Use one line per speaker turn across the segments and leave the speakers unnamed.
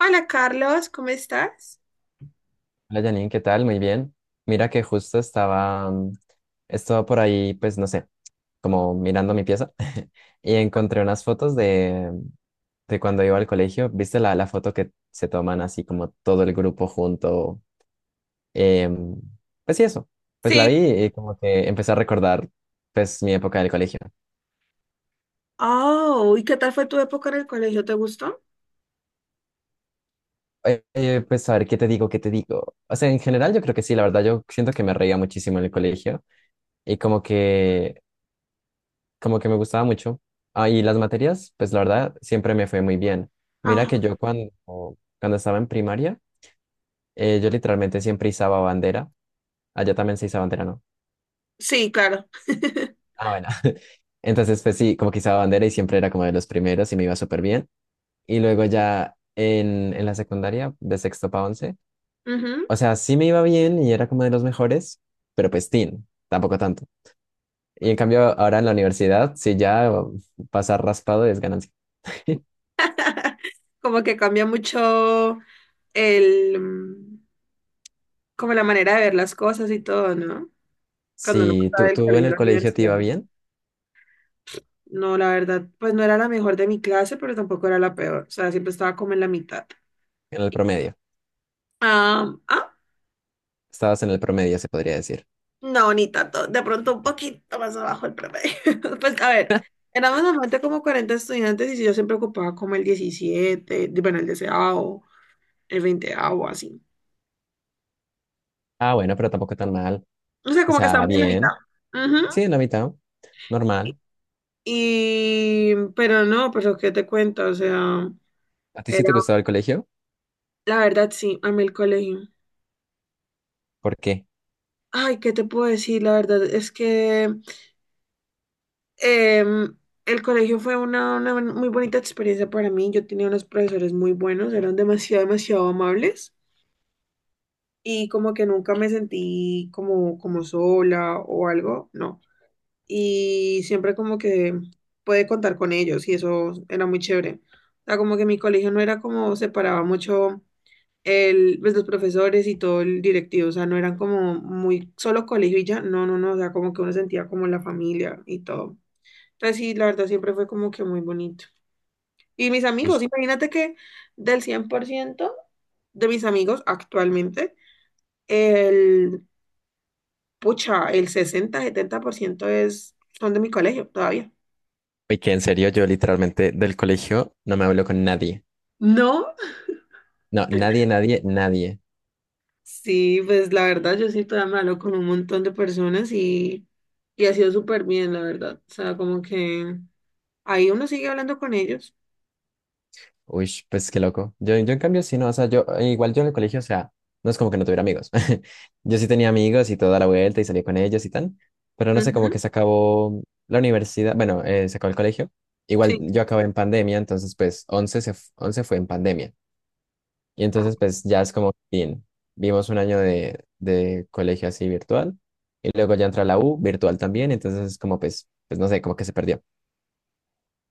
Hola Carlos, ¿cómo estás?
Hola Janine, ¿qué tal? Muy bien. Mira que justo estaba por ahí, pues no sé, como mirando mi pieza y encontré unas fotos de cuando iba al colegio. ¿Viste la foto que se toman así como todo el grupo junto? Em, pues sí, eso. Pues la vi
Sí.
y como que empecé a recordar pues mi época del colegio.
Oh, ¿y qué tal fue tu época en el colegio? ¿Te gustó?
Pues a ver, ¿qué te digo? ¿Qué te digo? O sea, en general yo creo que sí, la verdad yo siento que me reía muchísimo en el colegio y como que me gustaba mucho. Ah, y las materias, pues la verdad, siempre me fue muy bien. Mira
Ajá.
que yo cuando estaba en primaria, yo literalmente siempre izaba bandera. Allá también se izaba bandera, ¿no?
Sí, claro.
Ah, bueno. Entonces, pues sí, como que izaba bandera y siempre era como de los primeros y me iba súper bien. Y luego ya en la secundaria, de sexto para once,
Ujú.
o sea, sí me iba bien y era como de los mejores, pero pues tampoco tanto. Y en cambio, ahora en la universidad, sí ya pasar raspado es ganancia.
Como que cambia mucho el, como la manera de ver las cosas y todo, ¿no? Cuando uno
Sí,
pasa del
tú en
colegio a
el
la
colegio te
universidad.
iba bien,
No, la verdad, pues no era la mejor de mi clase, pero tampoco era la peor. O sea, siempre estaba como en la mitad.
en el promedio.
Ah, ah,
Estabas en el promedio, se podría decir.
no, ni tanto. De pronto un poquito más abajo el promedio. Pues a ver, éramos normalmente como 40 estudiantes y sí, yo siempre ocupaba como el 17 bueno, el deseado, el 20º así.
Ah, bueno, pero tampoco tan mal.
O sea,
O
como que ah,
sea,
estábamos en la no. mitad.
bien.
Ujú.
Sí, en la mitad. Normal.
Y, pero no, pero ¿qué te cuento? O sea,
¿A ti sí
era,
te gustaba el colegio?
la verdad, sí, a mí el colegio.
¿Por qué?
Ay, ¿qué te puedo decir? La verdad es que Em, el colegio fue una muy bonita experiencia para mí. Yo tenía unos profesores muy buenos, eran demasiado, demasiado amables y como que nunca me sentí como sola o algo, no. Y siempre como que pude contar con ellos y eso era muy chévere. O sea, como que mi colegio no era como separaba mucho el, pues, los profesores y todo el directivo, o sea, no eran como muy solo colegio y ya, no, no, no, o sea, como que uno sentía como la familia y todo. Entonces sí la verdad, siempre fue como que muy bonito. Y mis amigos,
Uy.
imagínate que del 100% de mis amigos actualmente, el, pucha, el 60 70% es, son de mi colegio todavía.
Uy, ¿que en serio? Yo literalmente del colegio no me hablo con nadie.
No,
No, nadie, nadie, nadie.
sí, pues la verdad, yo sí todavía me hablo con un montón de personas y ha sido súper bien, la verdad. O sea, como que ahí uno sigue hablando con ellos.
Uy, pues qué loco. Yo en cambio sí, no, o sea, yo igual yo en el colegio, o sea, no es como que no tuviera amigos. Yo sí tenía amigos y toda la vuelta y salí con ellos y tal, pero no sé, como
Ujú,
que se acabó la universidad, bueno, se acabó el colegio. Igual
sí.
yo acabé en pandemia, entonces pues 11 fue en pandemia. Y entonces pues ya es como, bien, vimos un año de colegio así virtual y luego ya entra la U virtual también, entonces es como pues, pues no sé, como que se perdió.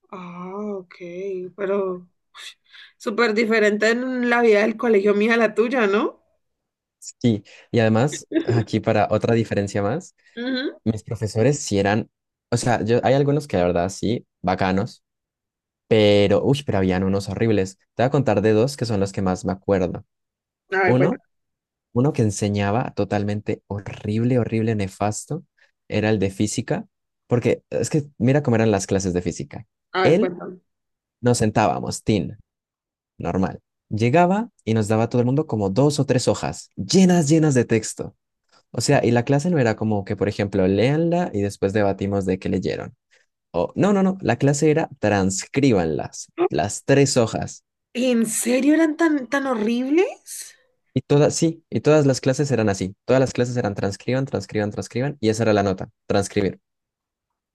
Ah, ok, pero súper diferente en la vida del colegio mía a la tuya, ¿no?
Sí, y además aquí para otra diferencia más.
Ujú.
Mis profesores sí eran, o sea, yo, hay algunos que la verdad sí, bacanos, pero, uy, pero habían unos horribles. Te voy a contar de dos que son los que más me acuerdo.
A ver,
Uno,
cuéntame,
Uno que enseñaba totalmente horrible, horrible, nefasto, era el de física, porque es que mira cómo eran las clases de física.
a ver,
Él
cuéntame.
nos sentábamos, tin, normal. Llegaba y nos daba a todo el mundo como dos o tres hojas, llenas, llenas de texto. O sea, y la clase no era como que, por ejemplo, léanla y después debatimos de qué leyeron. O- no, no, no, La clase era transcríbanlas, las tres hojas.
¿En serio eran tan, tan horribles?
Y todas, sí, y todas las clases eran así. Todas las clases eran transcriban, transcriban, transcriban, y esa era la nota, transcribir.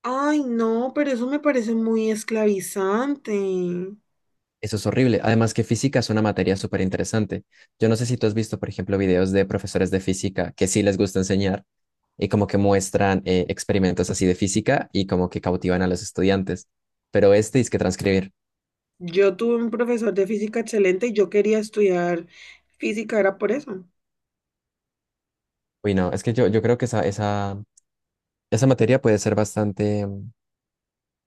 Ay, no, pero eso me parece muy esclavizante.
Eso es horrible. Además que física es una materia súper interesante. Yo no sé si tú has visto, por ejemplo, videos de profesores de física que sí les gusta enseñar y como que muestran experimentos así de física y como que cautivan a los estudiantes. Pero este es que transcribir.
Yo tuve un profesor de física excelente y yo quería estudiar física, era por eso.
Uy, no, es que yo creo que esa materia puede ser bastante, mm,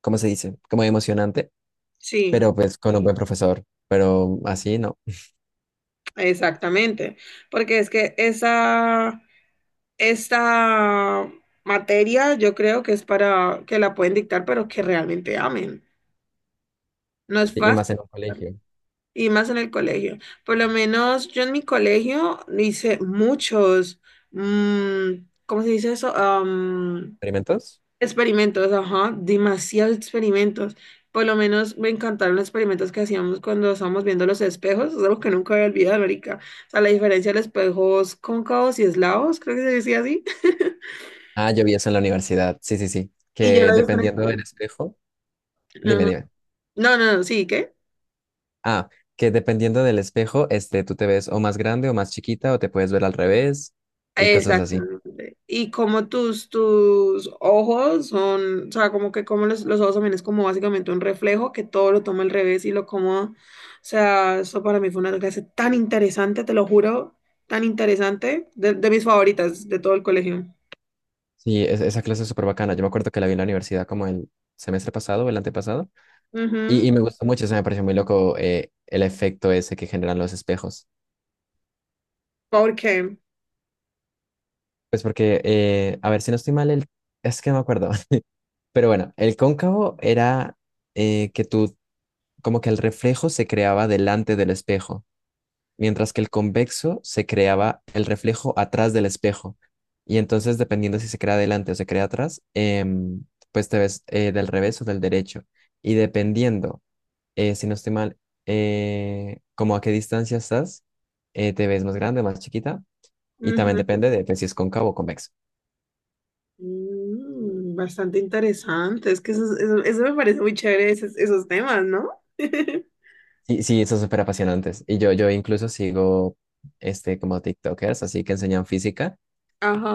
¿cómo se dice? Como emocionante,
Sí,
pero pues con un buen profesor, pero así no.
exactamente. Porque es que esta materia yo creo que es para que la pueden dictar, pero que realmente amen. No es
Y
fácil.
más en un colegio.
Y más en el colegio. Por lo menos yo en mi colegio hice muchos, mm, ¿cómo se dice eso?
¿Experimentos?
Experimentos, ajá, demasiados experimentos. Por lo menos me encantaron los experimentos que hacíamos cuando estábamos viendo los espejos, es algo que nunca voy a olvidar, marica. O sea, la diferencia de los espejos cóncavos y eslavos, creo que se decía así.
Ah, yo vi eso en la universidad. Sí, sí, sí.
Y yo
Que
la
dependiendo
diferencia.
del espejo, dime, dime.
No, no, no, sí, ¿qué?
Ah, que dependiendo del espejo, este, tú te ves o más grande o más chiquita o te puedes ver al revés y cosas así.
Exactamente. Y como tus ojos son, o sea, como que como los ojos también es como básicamente un reflejo que todo lo toma al revés y lo como, o sea, eso para mí fue una clase tan interesante, te lo juro, tan interesante, de mis favoritas de todo el colegio.
Sí, es- esa clase es súper bacana. Yo me acuerdo que la vi en la universidad como el semestre pasado o el antepasado
Ujú,
y me gustó mucho, se me pareció muy loco el efecto ese que generan los espejos.
Porque,
Pues porque, a ver si no estoy mal, el... es que no me acuerdo. Pero bueno, el cóncavo era eh, que tú, como que el reflejo se creaba delante del espejo, mientras que el convexo se creaba el reflejo atrás del espejo. Y entonces, dependiendo si se crea delante o se crea atrás, pues te ves del revés o del derecho. Y dependiendo, si no estoy mal, como a qué distancia estás, te ves más grande, más chiquita. Y también
ujú,
depende de pues, si es cóncavo o convexo.
bastante interesante, es que eso me parece muy chévere, esos temas, ¿no?
Sí, sí, son súper apasionantes. Y yo incluso sigo este, como TikTokers, así que enseñan física.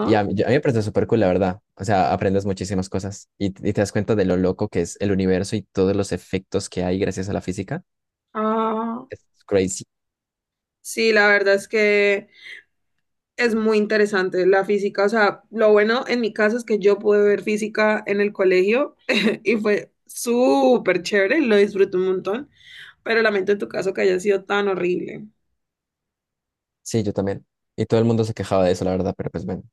Y a mí, a mí me parece súper cool, la verdad. O sea, aprendes muchísimas cosas y te das cuenta de lo loco que es el universo y todos los efectos que hay gracias a la física.
Ah.
Es crazy.
Sí, la verdad es que es muy interesante la física. O sea, lo bueno en mi caso es que yo pude ver física en el colegio y fue súper chévere, lo disfruté un montón, pero lamento en tu caso que haya sido tan horrible.
Sí, yo también. Y todo el mundo se quejaba de eso, la verdad, pero pues bueno.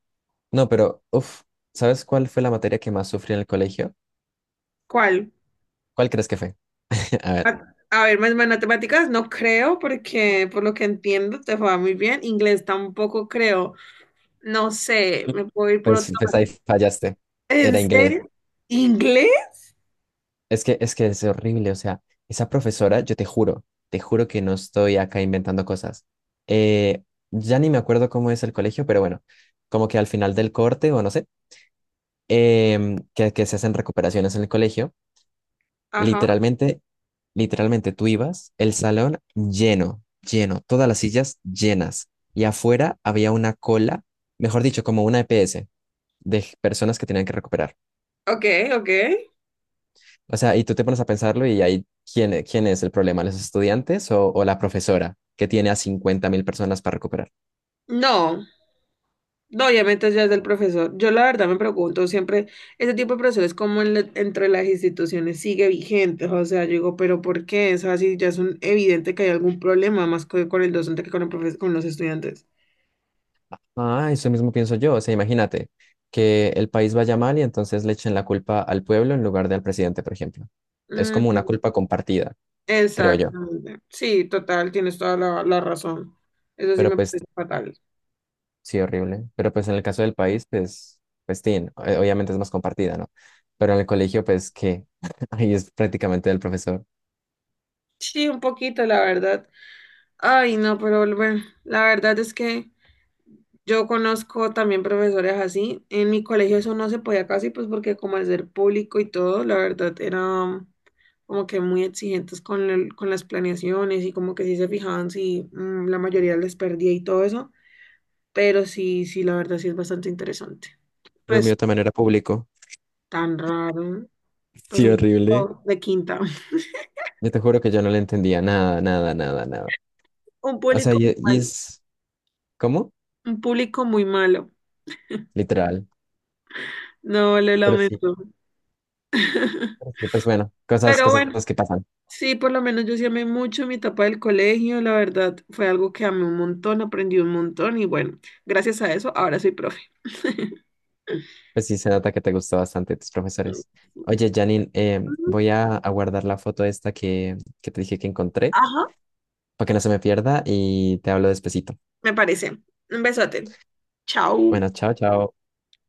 No, pero, uff, ¿sabes cuál fue la materia que más sufrí en el colegio?
¿Cuál?
¿Cuál crees que fue? A ver,
A ver, más matemáticas no creo porque por lo que entiendo te va muy bien. Inglés tampoco creo. No sé, me puedo ir por otro.
pues, pues ahí fallaste.
¿En
Era inglés.
serio? ¿Inglés?
Es que, es que es horrible, o sea, esa profesora, yo te juro que no estoy acá inventando cosas. Eh, ya ni me acuerdo cómo es el colegio, pero bueno, como que al final del corte, o no sé, que se hacen recuperaciones en el colegio,
Ajá.
literalmente, literalmente tú ibas, el salón lleno, lleno, todas las sillas llenas, y afuera había una cola, mejor dicho, como una EPS de personas que tenían que recuperar.
Ok, ok.
O sea, y tú te pones a pensarlo y ahí, ¿quién es el problema? ¿Los estudiantes o la profesora que tiene a 50.000 personas para recuperar?
No. No, obviamente ya es del profesor. Yo la verdad me pregunto siempre, ese tipo de profesores como entre las instituciones sigue vigente, o sea, yo digo, pero ¿por qué? O sea, si ya es evidente que hay algún problema más con el docente que con los estudiantes.
Ah, eso mismo pienso yo. O sea, imagínate que el país vaya mal y entonces le echen la culpa al pueblo en lugar de al presidente, por ejemplo. Es como una
Ujú,
culpa compartida, creo yo.
exactamente. Sí, total, tienes toda la razón. Eso sí
Pero
me
pues,
parece fatal.
sí, horrible. Pero pues en el caso del país, pues, pues, tin, obviamente es más compartida, ¿no? Pero en el colegio, pues, qué, ahí es prácticamente del profesor.
Sí, un poquito, la verdad. Ay, no, pero bueno, la verdad es que yo conozco también profesores así. En mi colegio eso no se podía casi, pues porque como al ser público y todo, la verdad era como que muy exigentes con, con las planeaciones y como que sí se fijaban si la mayoría les perdía y todo eso. Pero sí, sí, la verdad sí es bastante interesante.
Pero el
Pues
mío también era público.
tan raro, pues
Sí,
un
horrible.
público de quinta.
Yo te juro que yo no le entendía nada, nada, nada, nada.
Un
O sea,
público muy
y
malo,
es, ¿cómo?
un público muy malo.
Literal.
No, lo
Pero sí,
lamento.
pero sí, pues bueno, cosas,
Pero
cosas
bueno.
que pasan.
Sí, por lo menos yo sí amé mucho mi etapa del colegio, la verdad fue algo que amé un montón, aprendí un montón y bueno, gracias a eso ahora soy profe.
Pues sí, se nota que te gustó bastante tus profesores. Oye, Janine, voy a guardar la foto esta que te dije que encontré
Ajá,
para que no se me pierda y te hablo despacito.
me parece. Un besote. Chao.
Bueno, chao, chao.